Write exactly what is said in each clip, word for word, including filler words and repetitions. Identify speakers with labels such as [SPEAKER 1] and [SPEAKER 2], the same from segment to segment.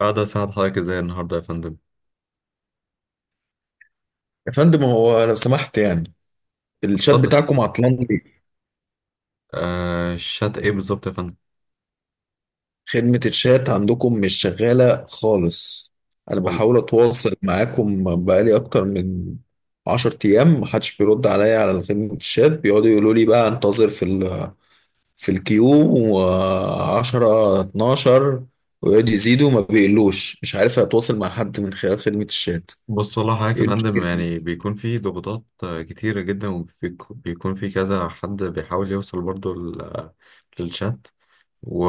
[SPEAKER 1] أقدر أساعد حضرتك إزاي النهاردة يا فندم؟
[SPEAKER 2] يا فندم، هو لو سمحت يعني الشات
[SPEAKER 1] اتفضل.
[SPEAKER 2] بتاعكم عطلان ليه؟
[SPEAKER 1] آه، شات إيه بالظبط يا فندم؟
[SPEAKER 2] خدمة الشات عندكم مش شغالة خالص. أنا
[SPEAKER 1] وال-
[SPEAKER 2] بحاول أتواصل معاكم بقالي أكتر من عشر أيام، محدش بيرد عليا على خدمة الشات. بيقعدوا يقولوا لي بقى أنتظر في ال في الكيو، وعشرة اتناشر، ويقعدوا يزيدوا ما بيقلوش. مش عارف أتواصل مع حد من خلال خدمة الشات.
[SPEAKER 1] بص، والله حضرتك يا
[SPEAKER 2] إيه
[SPEAKER 1] فندم
[SPEAKER 2] المشكلة؟
[SPEAKER 1] يعني بيكون في ضغوطات آه، كتيرة جدا، وبيكون في كذا حد بيحاول يوصل برضه ل- آه، للشات. و-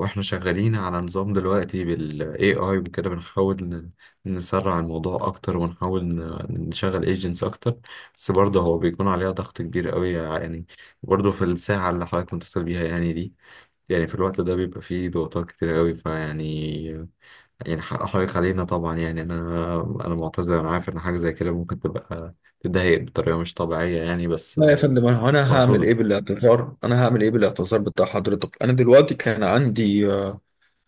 [SPEAKER 1] وإحنا شغالين على نظام دلوقتي بال إيه آي وكده، بنحاول ن- نسرع الموضوع أكتر، ونحاول ن- نشغل ايجنتس أكتر. بس برضه هو بيكون عليها ضغط كبير قوي يعني، برضه في الساعة اللي حضرتك متصل بيها يعني دي. يعني في الوقت ده بيبقى فيه ضغوطات كتير قوي فيعني، يعني حق حقيقي علينا طبعا، يعني انا انا معتذر. انا عارف ان حاجه زي كده ممكن تبقى تضايق بطريقه مش طبيعيه يعني، بس
[SPEAKER 2] لا يا
[SPEAKER 1] آه،
[SPEAKER 2] فندم، أنا
[SPEAKER 1] مش
[SPEAKER 2] أنا هعمل إيه
[SPEAKER 1] مقصوده.
[SPEAKER 2] بالاعتذار؟ أنا هعمل إيه بالاعتذار بتاع حضرتك؟ أنا دلوقتي كان عندي آه،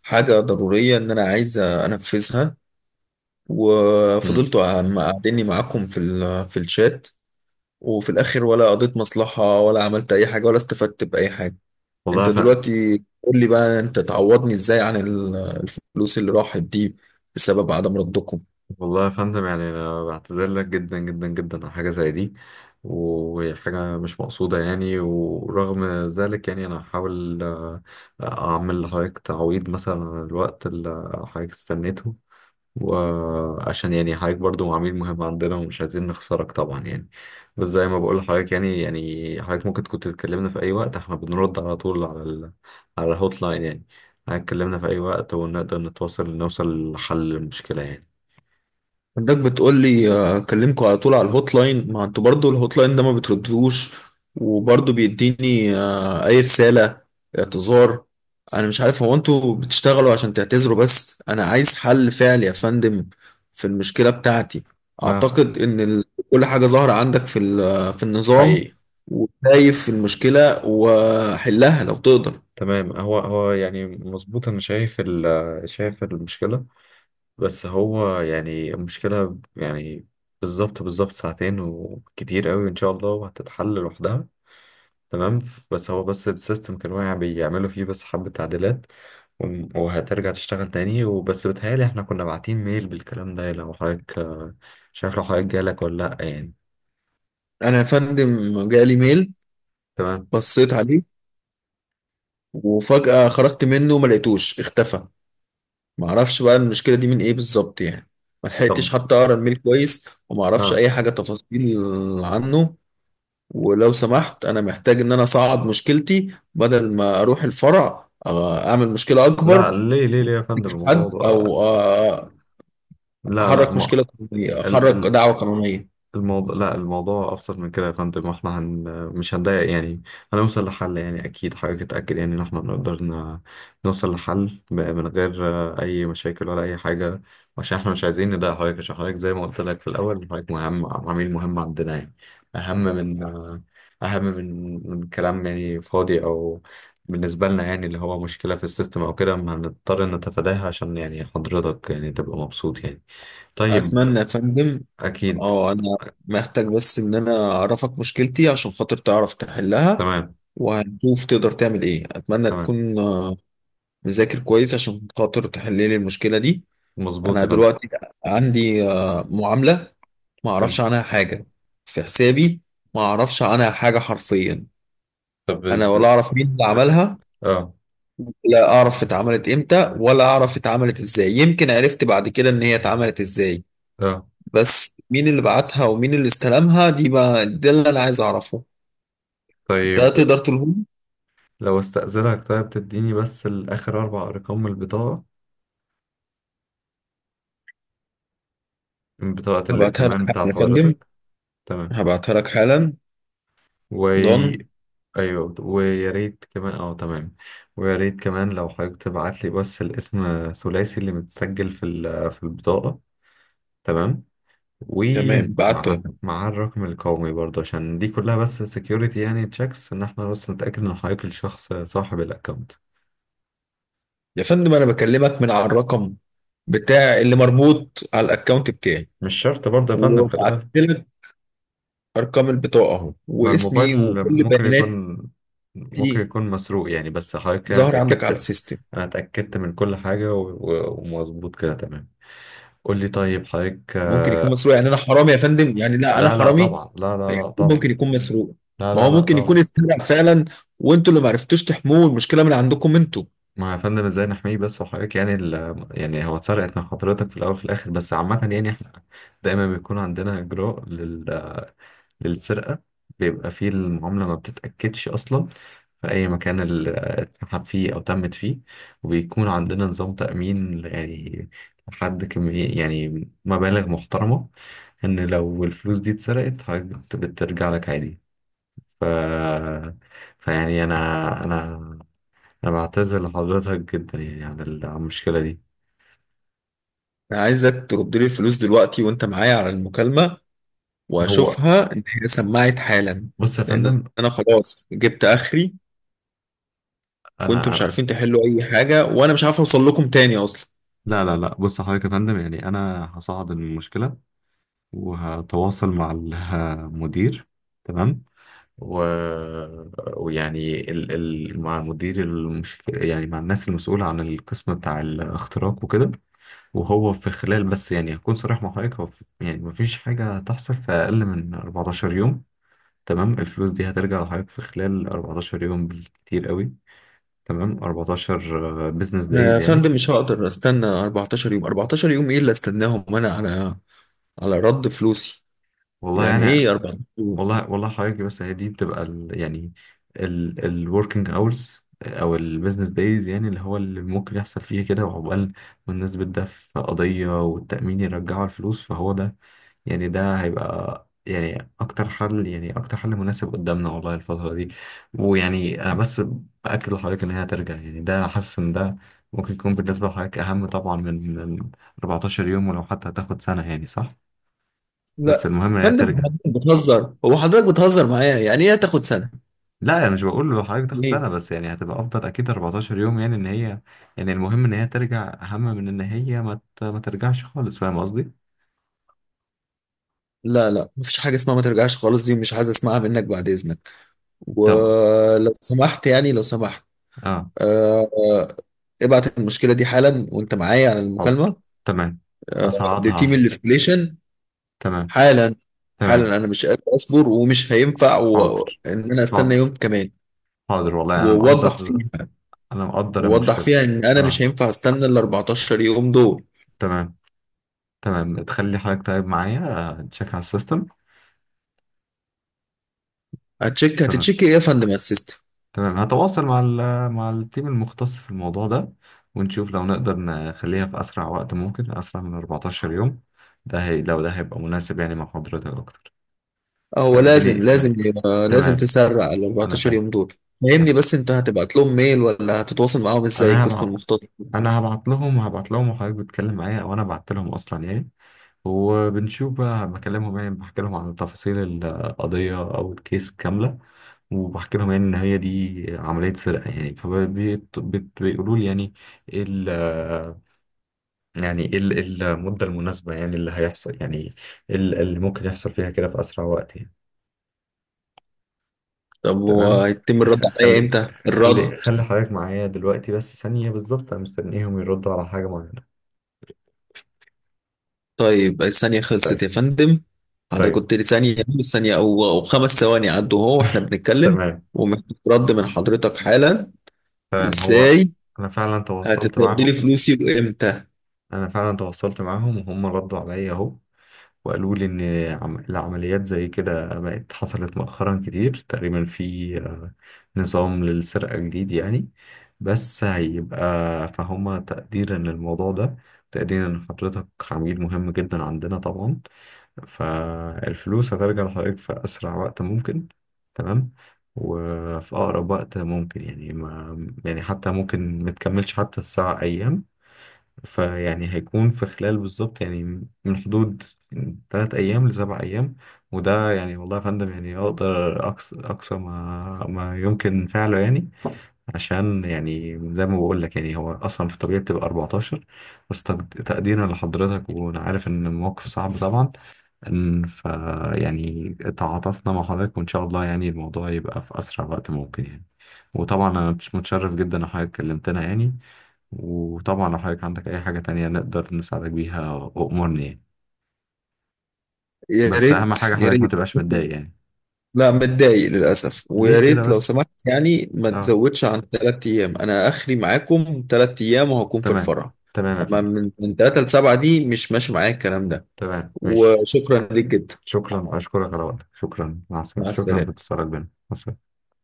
[SPEAKER 2] حاجة ضرورية إن أنا عايز أنفذها،
[SPEAKER 1] مم.
[SPEAKER 2] وفضلتوا عم- قاعديني معاكم في ال- في الشات، وفي الآخر ولا قضيت مصلحة، ولا عملت أي حاجة، ولا استفدت بأي حاجة.
[SPEAKER 1] والله
[SPEAKER 2] أنت
[SPEAKER 1] يا فندم
[SPEAKER 2] دلوقتي قول لي بقى أنت تعوضني إزاي عن ال- الفلوس اللي راحت دي، بسبب عدم ردكم.
[SPEAKER 1] والله يا فندم يعني انا بعتذر لك جدا جدا جدا على حاجه زي دي، وهي حاجه مش مقصوده يعني، ورغم ذلك يعني انا هحاول آه، اعمل لحضرتك تعويض مثلا عن الوقت اللي حضرتك استنيته، وعشان يعني حضرتك برضو عميل مهم عندنا ومش عايزين نخسرك طبعا يعني. بس زي ما بقول لحضرتك يعني، يعني حضرتك ممكن كنت تكلمنا في أي وقت، احنا بنرد على طول على ال... على الهوت لاين يعني. حضرتك كلمنا في أي وقت ونقدر نتواصل نوصل لحل المشكلة يعني.
[SPEAKER 2] عندك بتقول لي آه، اكلمكوا على طول على الهوت لاين، ما انتوا برضو الهوت لاين ده ما بتردوش، وبرضو بيديني آه، اي رسالة اعتذار. انا مش عارف هو انتوا بتشتغلوا عشان تعتذروا بس، انا عايز حل فعلي يا فندم في المشكلة بتاعتي.
[SPEAKER 1] ما
[SPEAKER 2] اعتقد ان ال- كل حاجة ظاهرة عندك في ال- في النظام،
[SPEAKER 1] حقيقي.
[SPEAKER 2] وشايف المشكلة وحلها لو تقدر.
[SPEAKER 1] تمام، هو هو يعني مظبوط، انا شايف ال... شايف المشكلة، بس هو يعني المشكلة يعني بالظبط بالظبط ساعتين، وكتير قوي ان شاء الله وهتتحل لوحدها. تمام، ف- بس هو بس السيستم كان واقع، بيعملوا فيه بس حبة تعديلات، وم- وهترجع تشتغل تاني. وبس بتهيألي احنا كنا باعتين ميل بالكلام ده، لو حضرتك آه، شايف لو حضرتك جالك ولا لأ يعني.
[SPEAKER 2] انا يا فندم جالي ميل،
[SPEAKER 1] تمام.
[SPEAKER 2] بصيت عليه وفجأة خرجت منه، ما لقيتوش، اختفى. ما اعرفش بقى المشكله دي من ايه بالظبط يعني. ما
[SPEAKER 1] طب،
[SPEAKER 2] لحقتش حتى اقرا الميل كويس، وما اعرفش
[SPEAKER 1] اه.
[SPEAKER 2] اي حاجه تفاصيل عنه. ولو سمحت انا محتاج ان انا اصعد مشكلتي بدل ما اروح الفرع آه، اعمل مشكله
[SPEAKER 1] لا،
[SPEAKER 2] اكبر
[SPEAKER 1] ليه ليه ليه يا فندم
[SPEAKER 2] في
[SPEAKER 1] الموضوع
[SPEAKER 2] حد
[SPEAKER 1] بقى؟
[SPEAKER 2] او آه،
[SPEAKER 1] لا لا.
[SPEAKER 2] احرك
[SPEAKER 1] ما
[SPEAKER 2] مشكله قانونيه، احرك دعوه قانونيه.
[SPEAKER 1] الموضوع، لا، الموضوع ابسط من كده يا فندم، احنا هن... مش هنضايق يعني، هنوصل لحل يعني. اكيد حضرتك اتاكد يعني ان احنا نقدر ن... نوصل لحل ب- من غير آه، اي مشاكل ولا اي حاجه، عشان احنا مش عايزين نضايق حضرتك، عشان حضرتك زي ما قلت لك في الاول حضرتك مهم، عميل مهم عندنا يعني، اهم من آه، اهم من من كلام يعني فاضي او بالنسبه لنا يعني، اللي هو مشكله في السيستم او كده ما هنضطر نتفاداها عشان يعني حضرتك يعني تبقى مبسوط يعني. طيب آه،
[SPEAKER 2] اتمنى يا فندم.
[SPEAKER 1] اكيد.
[SPEAKER 2] اه، انا محتاج بس ان انا اعرفك مشكلتي عشان خاطر تعرف تحلها،
[SPEAKER 1] تمام،
[SPEAKER 2] وهنشوف تقدر تعمل ايه. اتمنى
[SPEAKER 1] تمام،
[SPEAKER 2] تكون نذاكر كويس عشان خاطر تحل لي المشكلة دي.
[SPEAKER 1] مظبوط
[SPEAKER 2] أنا
[SPEAKER 1] يا فندم.
[SPEAKER 2] دلوقتي عندي آه، معاملة ما
[SPEAKER 1] حلو.
[SPEAKER 2] أعرفش عنها حاجة في حسابي، ما أعرفش عنها حاجة حرفيا.
[SPEAKER 1] طب
[SPEAKER 2] أنا
[SPEAKER 1] از
[SPEAKER 2] ولا أعرف مين اللي عملها،
[SPEAKER 1] اه،
[SPEAKER 2] لا أعرف اتعملت إمتى، ولا أعرف اتعملت إزاي. يمكن عرفت بعد كده إن هي اتعملت إزاي،
[SPEAKER 1] اه،
[SPEAKER 2] بس مين اللي بعتها ومين اللي استلمها؟ دي بقى ده اللي أنا عايز أعرفه. ده
[SPEAKER 1] طيب،
[SPEAKER 2] تقدر تقوله لي؟
[SPEAKER 1] لو استأذنك، طيب تديني بس الآخر أربع أرقام من البطاقة، من بطاقة
[SPEAKER 2] هبعتها لك
[SPEAKER 1] الائتمان
[SPEAKER 2] حالا
[SPEAKER 1] بتاعت
[SPEAKER 2] يا فندم،
[SPEAKER 1] حضرتك. تمام.
[SPEAKER 2] هبعتها لك حالا.
[SPEAKER 1] وي،
[SPEAKER 2] ضن.
[SPEAKER 1] أيوه، ويا ريت كمان، اه، تمام. ويا ريت كمان لو حضرتك تبعت لي بس الاسم الثلاثي اللي متسجل في ال- في البطاقة. تمام.
[SPEAKER 2] تمام، بعته.
[SPEAKER 1] ومع مع الرقم القومي برضه، عشان دي كلها بس سكيورتي يعني تشيكس، ان احنا بس نتأكد ان حضرتك الشخص صاحب الأكونت.
[SPEAKER 2] يا فندم انا بكلمك من على الرقم بتاع اللي مربوط على الاكونت بتاعي،
[SPEAKER 1] مش شرط برضه يا فندم، خلي
[SPEAKER 2] وبعت
[SPEAKER 1] بالك،
[SPEAKER 2] لك ارقام البطاقه اهو
[SPEAKER 1] ما
[SPEAKER 2] واسمي
[SPEAKER 1] الموبايل
[SPEAKER 2] وكل
[SPEAKER 1] ممكن
[SPEAKER 2] بياناتي.
[SPEAKER 1] يكون، ممكن يكون مسروق يعني. بس حضرتك كده أنا
[SPEAKER 2] ظهر عندك
[SPEAKER 1] اتأكدت،
[SPEAKER 2] على السيستم.
[SPEAKER 1] أنا اتأكدت من كل حاجة و- و- ومظبوط كده، تمام. قول لي طيب حضرتك
[SPEAKER 2] ممكن يكون
[SPEAKER 1] آه،
[SPEAKER 2] مسروق يعني؟ انا حرامي يا فندم يعني؟ لا، انا
[SPEAKER 1] لا لا
[SPEAKER 2] حرامي
[SPEAKER 1] طبعا، لا لا
[SPEAKER 2] يعني؟
[SPEAKER 1] لا طبعا،
[SPEAKER 2] ممكن يكون مسروق.
[SPEAKER 1] لا
[SPEAKER 2] ما
[SPEAKER 1] لا
[SPEAKER 2] هو
[SPEAKER 1] لا
[SPEAKER 2] ممكن يكون
[SPEAKER 1] طبعا.
[SPEAKER 2] اتسرق فعلا، وانتوا اللي ما عرفتوش تحموه. المشكله من عندكم انتوا.
[SPEAKER 1] ما يا فندم ازاي نحميه بس وحضرتك يعني ال... يعني هو اتسرقت من حضرتك في الأول وفي الآخر، بس عامة يعني احنا دايما بيكون عندنا إجراء لل... للسرقة، بيبقى فيه المعاملة ما بتتأكدش أصلا في أي مكان ال- اتسحب فيه أو تمت فيه، وبيكون عندنا نظام تأمين يعني لحد كمية يعني مبالغ محترمة، إن لو الفلوس دي اتسرقت حضرتك بت- بترجع لك عادي. ف... فيعني أنا أنا أنا بعتذر لحضرتك جدا يعني عن ال- عن المشكلة دي.
[SPEAKER 2] انا عايزك ترد لي الفلوس دلوقتي وانت معايا على المكالمه،
[SPEAKER 1] هو
[SPEAKER 2] واشوفها ان هي سمعت حالا،
[SPEAKER 1] بص يا
[SPEAKER 2] لان
[SPEAKER 1] فندم،
[SPEAKER 2] انا خلاص جبت اخري، وانتوا
[SPEAKER 1] أنا
[SPEAKER 2] مش
[SPEAKER 1] أنا-
[SPEAKER 2] عارفين تحلوا اي حاجه، وانا مش عارف اوصل لكم تاني اصلا.
[SPEAKER 1] لا لا لا، بص حضرتك يا فندم يعني، أنا هصعد المشكلة وهتواصل مع المدير. تمام. و... ويعني ال... ال... مع المدير المش... يعني مع الناس المسؤولة عن القسم بتاع الاختراق وكده. وهو في خلال، بس يعني هكون صريح مع حضرتك، هو في... يعني مفيش حاجة هتحصل في أقل من أربعة عشر يوم. تمام، الفلوس دي هترجع لحضرتك في خلال أربعة عشر يوم بالكتير قوي. تمام، أربعة عشر بزنس
[SPEAKER 2] انا يا
[SPEAKER 1] دايز يعني.
[SPEAKER 2] فندم مش هقدر استنى أربعتاشر يوم. أربعتاشر يوم ايه اللي استناهم وانا على على رد فلوسي؟
[SPEAKER 1] والله
[SPEAKER 2] يعني ايه
[SPEAKER 1] يعني،
[SPEAKER 2] أربعتاشر يوم؟
[SPEAKER 1] والله والله حضرتك، بس هي دي بتبقى ال يعني ال الوركينج اورز او البيزنس دايز يعني، اللي هو اللي ممكن يحصل فيه كده، وعقبال ما الناس بتدافع في قضية والتأمين يرجعوا الفلوس، فهو ده يعني، ده هيبقى يعني اكتر حل، يعني اكتر حل مناسب قدامنا والله الفترة دي. ويعني انا بس بأكد لحضرتك ان هي هترجع يعني، ده حاسس ان ده ممكن يكون بالنسبة لحضرتك اهم طبعا من من أربعتاشر يوم، ولو حتى هتاخد سنة يعني، صح؟
[SPEAKER 2] لا
[SPEAKER 1] بس
[SPEAKER 2] يا
[SPEAKER 1] المهم ان هي
[SPEAKER 2] فندم،
[SPEAKER 1] ترجع.
[SPEAKER 2] حضرتك بتهزر؟ هو حضرتك بتهزر معايا؟ يعني ايه هتاخد سنه؟
[SPEAKER 1] لا، انا مش بقول له حضرتك تاخد
[SPEAKER 2] يعني ايه؟
[SPEAKER 1] سنه، بس يعني هتبقى افضل اكيد أربعتاشر يوم، يعني ان هي يعني المهم ان هي ترجع اهم من ان هي ما ت- ما ترجعش خالص، فاهم قصدي؟
[SPEAKER 2] لا لا، مفيش حاجه اسمها ما ترجعش خالص، دي مش عايز اسمعها منك بعد اذنك.
[SPEAKER 1] طب،
[SPEAKER 2] ولو سمحت يعني، لو سمحت.
[SPEAKER 1] اه،
[SPEAKER 2] آه آه، ابعت المشكله دي حالا وانت معايا على
[SPEAKER 1] حاضر،
[SPEAKER 2] المكالمه.
[SPEAKER 1] تمام،
[SPEAKER 2] آه، لتيم
[SPEAKER 1] اصعدها.
[SPEAKER 2] الاستليشن،
[SPEAKER 1] تمام،
[SPEAKER 2] حالا. حالا،
[SPEAKER 1] تمام.
[SPEAKER 2] انا مش قادر اصبر، ومش هينفع و...
[SPEAKER 1] حاضر،
[SPEAKER 2] ان انا استنى
[SPEAKER 1] حاضر،
[SPEAKER 2] يوم كمان.
[SPEAKER 1] حاضر والله انا
[SPEAKER 2] ووضح
[SPEAKER 1] مقدر،
[SPEAKER 2] فيها،
[SPEAKER 1] انا مقدر
[SPEAKER 2] ووضح
[SPEAKER 1] المشكله.
[SPEAKER 2] فيها ان انا مش
[SPEAKER 1] اه،
[SPEAKER 2] هينفع استنى ال أربعتاشر يوم دول.
[SPEAKER 1] تمام. تمام، تخلي حضرتك طيب معايا آه، تشيك على السيستم.
[SPEAKER 2] هتشيك
[SPEAKER 1] تمام،
[SPEAKER 2] هتتشيك ايه يا فندم على السيستم؟
[SPEAKER 1] تمام، هتواصل مع ال- مع التيم المختص في الموضوع ده، ونشوف لو نقدر نخليها في أسرع وقت ممكن، أسرع من أربعتاشر يوم، ده هي لو ده هيبقى مناسب يعني مع حضرتك أكتر.
[SPEAKER 2] هو
[SPEAKER 1] فالدنيا
[SPEAKER 2] لازم، لازم
[SPEAKER 1] الد-
[SPEAKER 2] يبقى- لازم
[SPEAKER 1] تمام،
[SPEAKER 2] تسرع ال
[SPEAKER 1] أنا
[SPEAKER 2] أربعة عشر
[SPEAKER 1] فاهم.
[SPEAKER 2] يوم دول. فهمني
[SPEAKER 1] أنا
[SPEAKER 2] بس، انت هتبعت لهم ميل ولا هتتواصل معاهم ازاي
[SPEAKER 1] أنا
[SPEAKER 2] القسم
[SPEAKER 1] هبعت
[SPEAKER 2] المختص؟
[SPEAKER 1] أنا هبعت لهم، هبعت لهم، وحضرتك بتتكلم معايا وأنا بعت لهم أصلا يعني، وبنشوف بقى، بكلمهم يعني، بحكي لهم عن تفاصيل القضية أو الكيس كاملة، وبحكي لهم يعني ان هي دي عمليه سرقه يعني، فبيقولوا لي يعني، يعني ايه ال- إيه المدة المناسبة يعني اللي هيحصل يعني، إيه ال- اللي ممكن يحصل فيها كده في أسرع وقت يعني.
[SPEAKER 2] طب
[SPEAKER 1] تمام،
[SPEAKER 2] وهيتم الرد
[SPEAKER 1] خ-
[SPEAKER 2] عليا
[SPEAKER 1] خلي
[SPEAKER 2] امتى
[SPEAKER 1] خلي
[SPEAKER 2] الرد؟
[SPEAKER 1] خلي حضرتك معايا دلوقتي بس ثانية بالظبط، أنا مستنيهم يردوا على حاجة معينة.
[SPEAKER 2] طيب الثانية خلصت
[SPEAKER 1] طيب،
[SPEAKER 2] يا فندم، حضرتك
[SPEAKER 1] طيب،
[SPEAKER 2] قلت لي ثانية. ثانية أو أو خمس ثواني عدوا أهو وإحنا بنتكلم،
[SPEAKER 1] تمام،
[SPEAKER 2] ومحتاج رد من حضرتك حالا.
[SPEAKER 1] تمام. هو
[SPEAKER 2] إزاي
[SPEAKER 1] أنا فعلا تواصلت
[SPEAKER 2] هتتردي لي
[SPEAKER 1] معاهم
[SPEAKER 2] فلوسي وإمتى؟
[SPEAKER 1] أنا فعلا تواصلت معاهم، وهم ردوا عليا أهو، وقالوا لي إن عم- العمليات زي كده بقت حصلت مؤخرا كتير، تقريبا في آه، نظام للسرقة جديد يعني، بس هيبقى فهم تقديرا للموضوع ده، تقديرا إن حضرتك عميل مهم جدا عندنا طبعا، فالفلوس هترجع لحضرتك في أسرع وقت ممكن. تمام، وفي أقرب وقت ممكن يعني، ما يعني حتى ممكن متكملش حتى الساعة أيام، فيعني هيكون في خلال بالظبط يعني، من حدود تلات أيام لسبع أيام. وده يعني والله يا فندم يعني أقدر أقصى، أقصى ما ما يمكن فعله يعني، عشان يعني زي ما بقول لك يعني هو أصلا في الطبيعي بتبقى أربعة عشر، بس تقد- تقديرا لحضرتك، وأنا عارف إن الموقف صعب طبعا، إن ف يعني تعاطفنا مع حضرتك وإن شاء الله يعني الموضوع يبقى في أسرع وقت ممكن يعني. وطبعا أنا متشرف جدا إن حضرتك كلمتنا يعني، وطبعا لو حضرتك عندك أي حاجة تانية نقدر نساعدك بيها وأمرني يعني،
[SPEAKER 2] يا
[SPEAKER 1] بس أهم
[SPEAKER 2] ريت
[SPEAKER 1] حاجة
[SPEAKER 2] يا
[SPEAKER 1] حضرتك ما
[SPEAKER 2] ريت
[SPEAKER 1] تبقاش متضايق يعني.
[SPEAKER 2] لا، متضايق للأسف. ويا
[SPEAKER 1] ليه كده
[SPEAKER 2] ريت لو
[SPEAKER 1] بس؟
[SPEAKER 2] سمحت يعني ما
[SPEAKER 1] اه،
[SPEAKER 2] تزودش عن ثلاث أيام. أنا آخري معاكم ثلاث أيام وهكون في
[SPEAKER 1] تمام.
[SPEAKER 2] الفرح.
[SPEAKER 1] تمام يا
[SPEAKER 2] أما
[SPEAKER 1] فندم.
[SPEAKER 2] من من ثلاثة لسبعة دي مش ماشي معايا الكلام ده.
[SPEAKER 1] تمام، ماشي.
[SPEAKER 2] وشكرا ليك جدا.
[SPEAKER 1] شكرا، أشكرك على وقتك، شكرا، مع السلامة،
[SPEAKER 2] مع
[SPEAKER 1] شكرا في
[SPEAKER 2] السلامة.
[SPEAKER 1] اتصالك بينا، مع السلامة.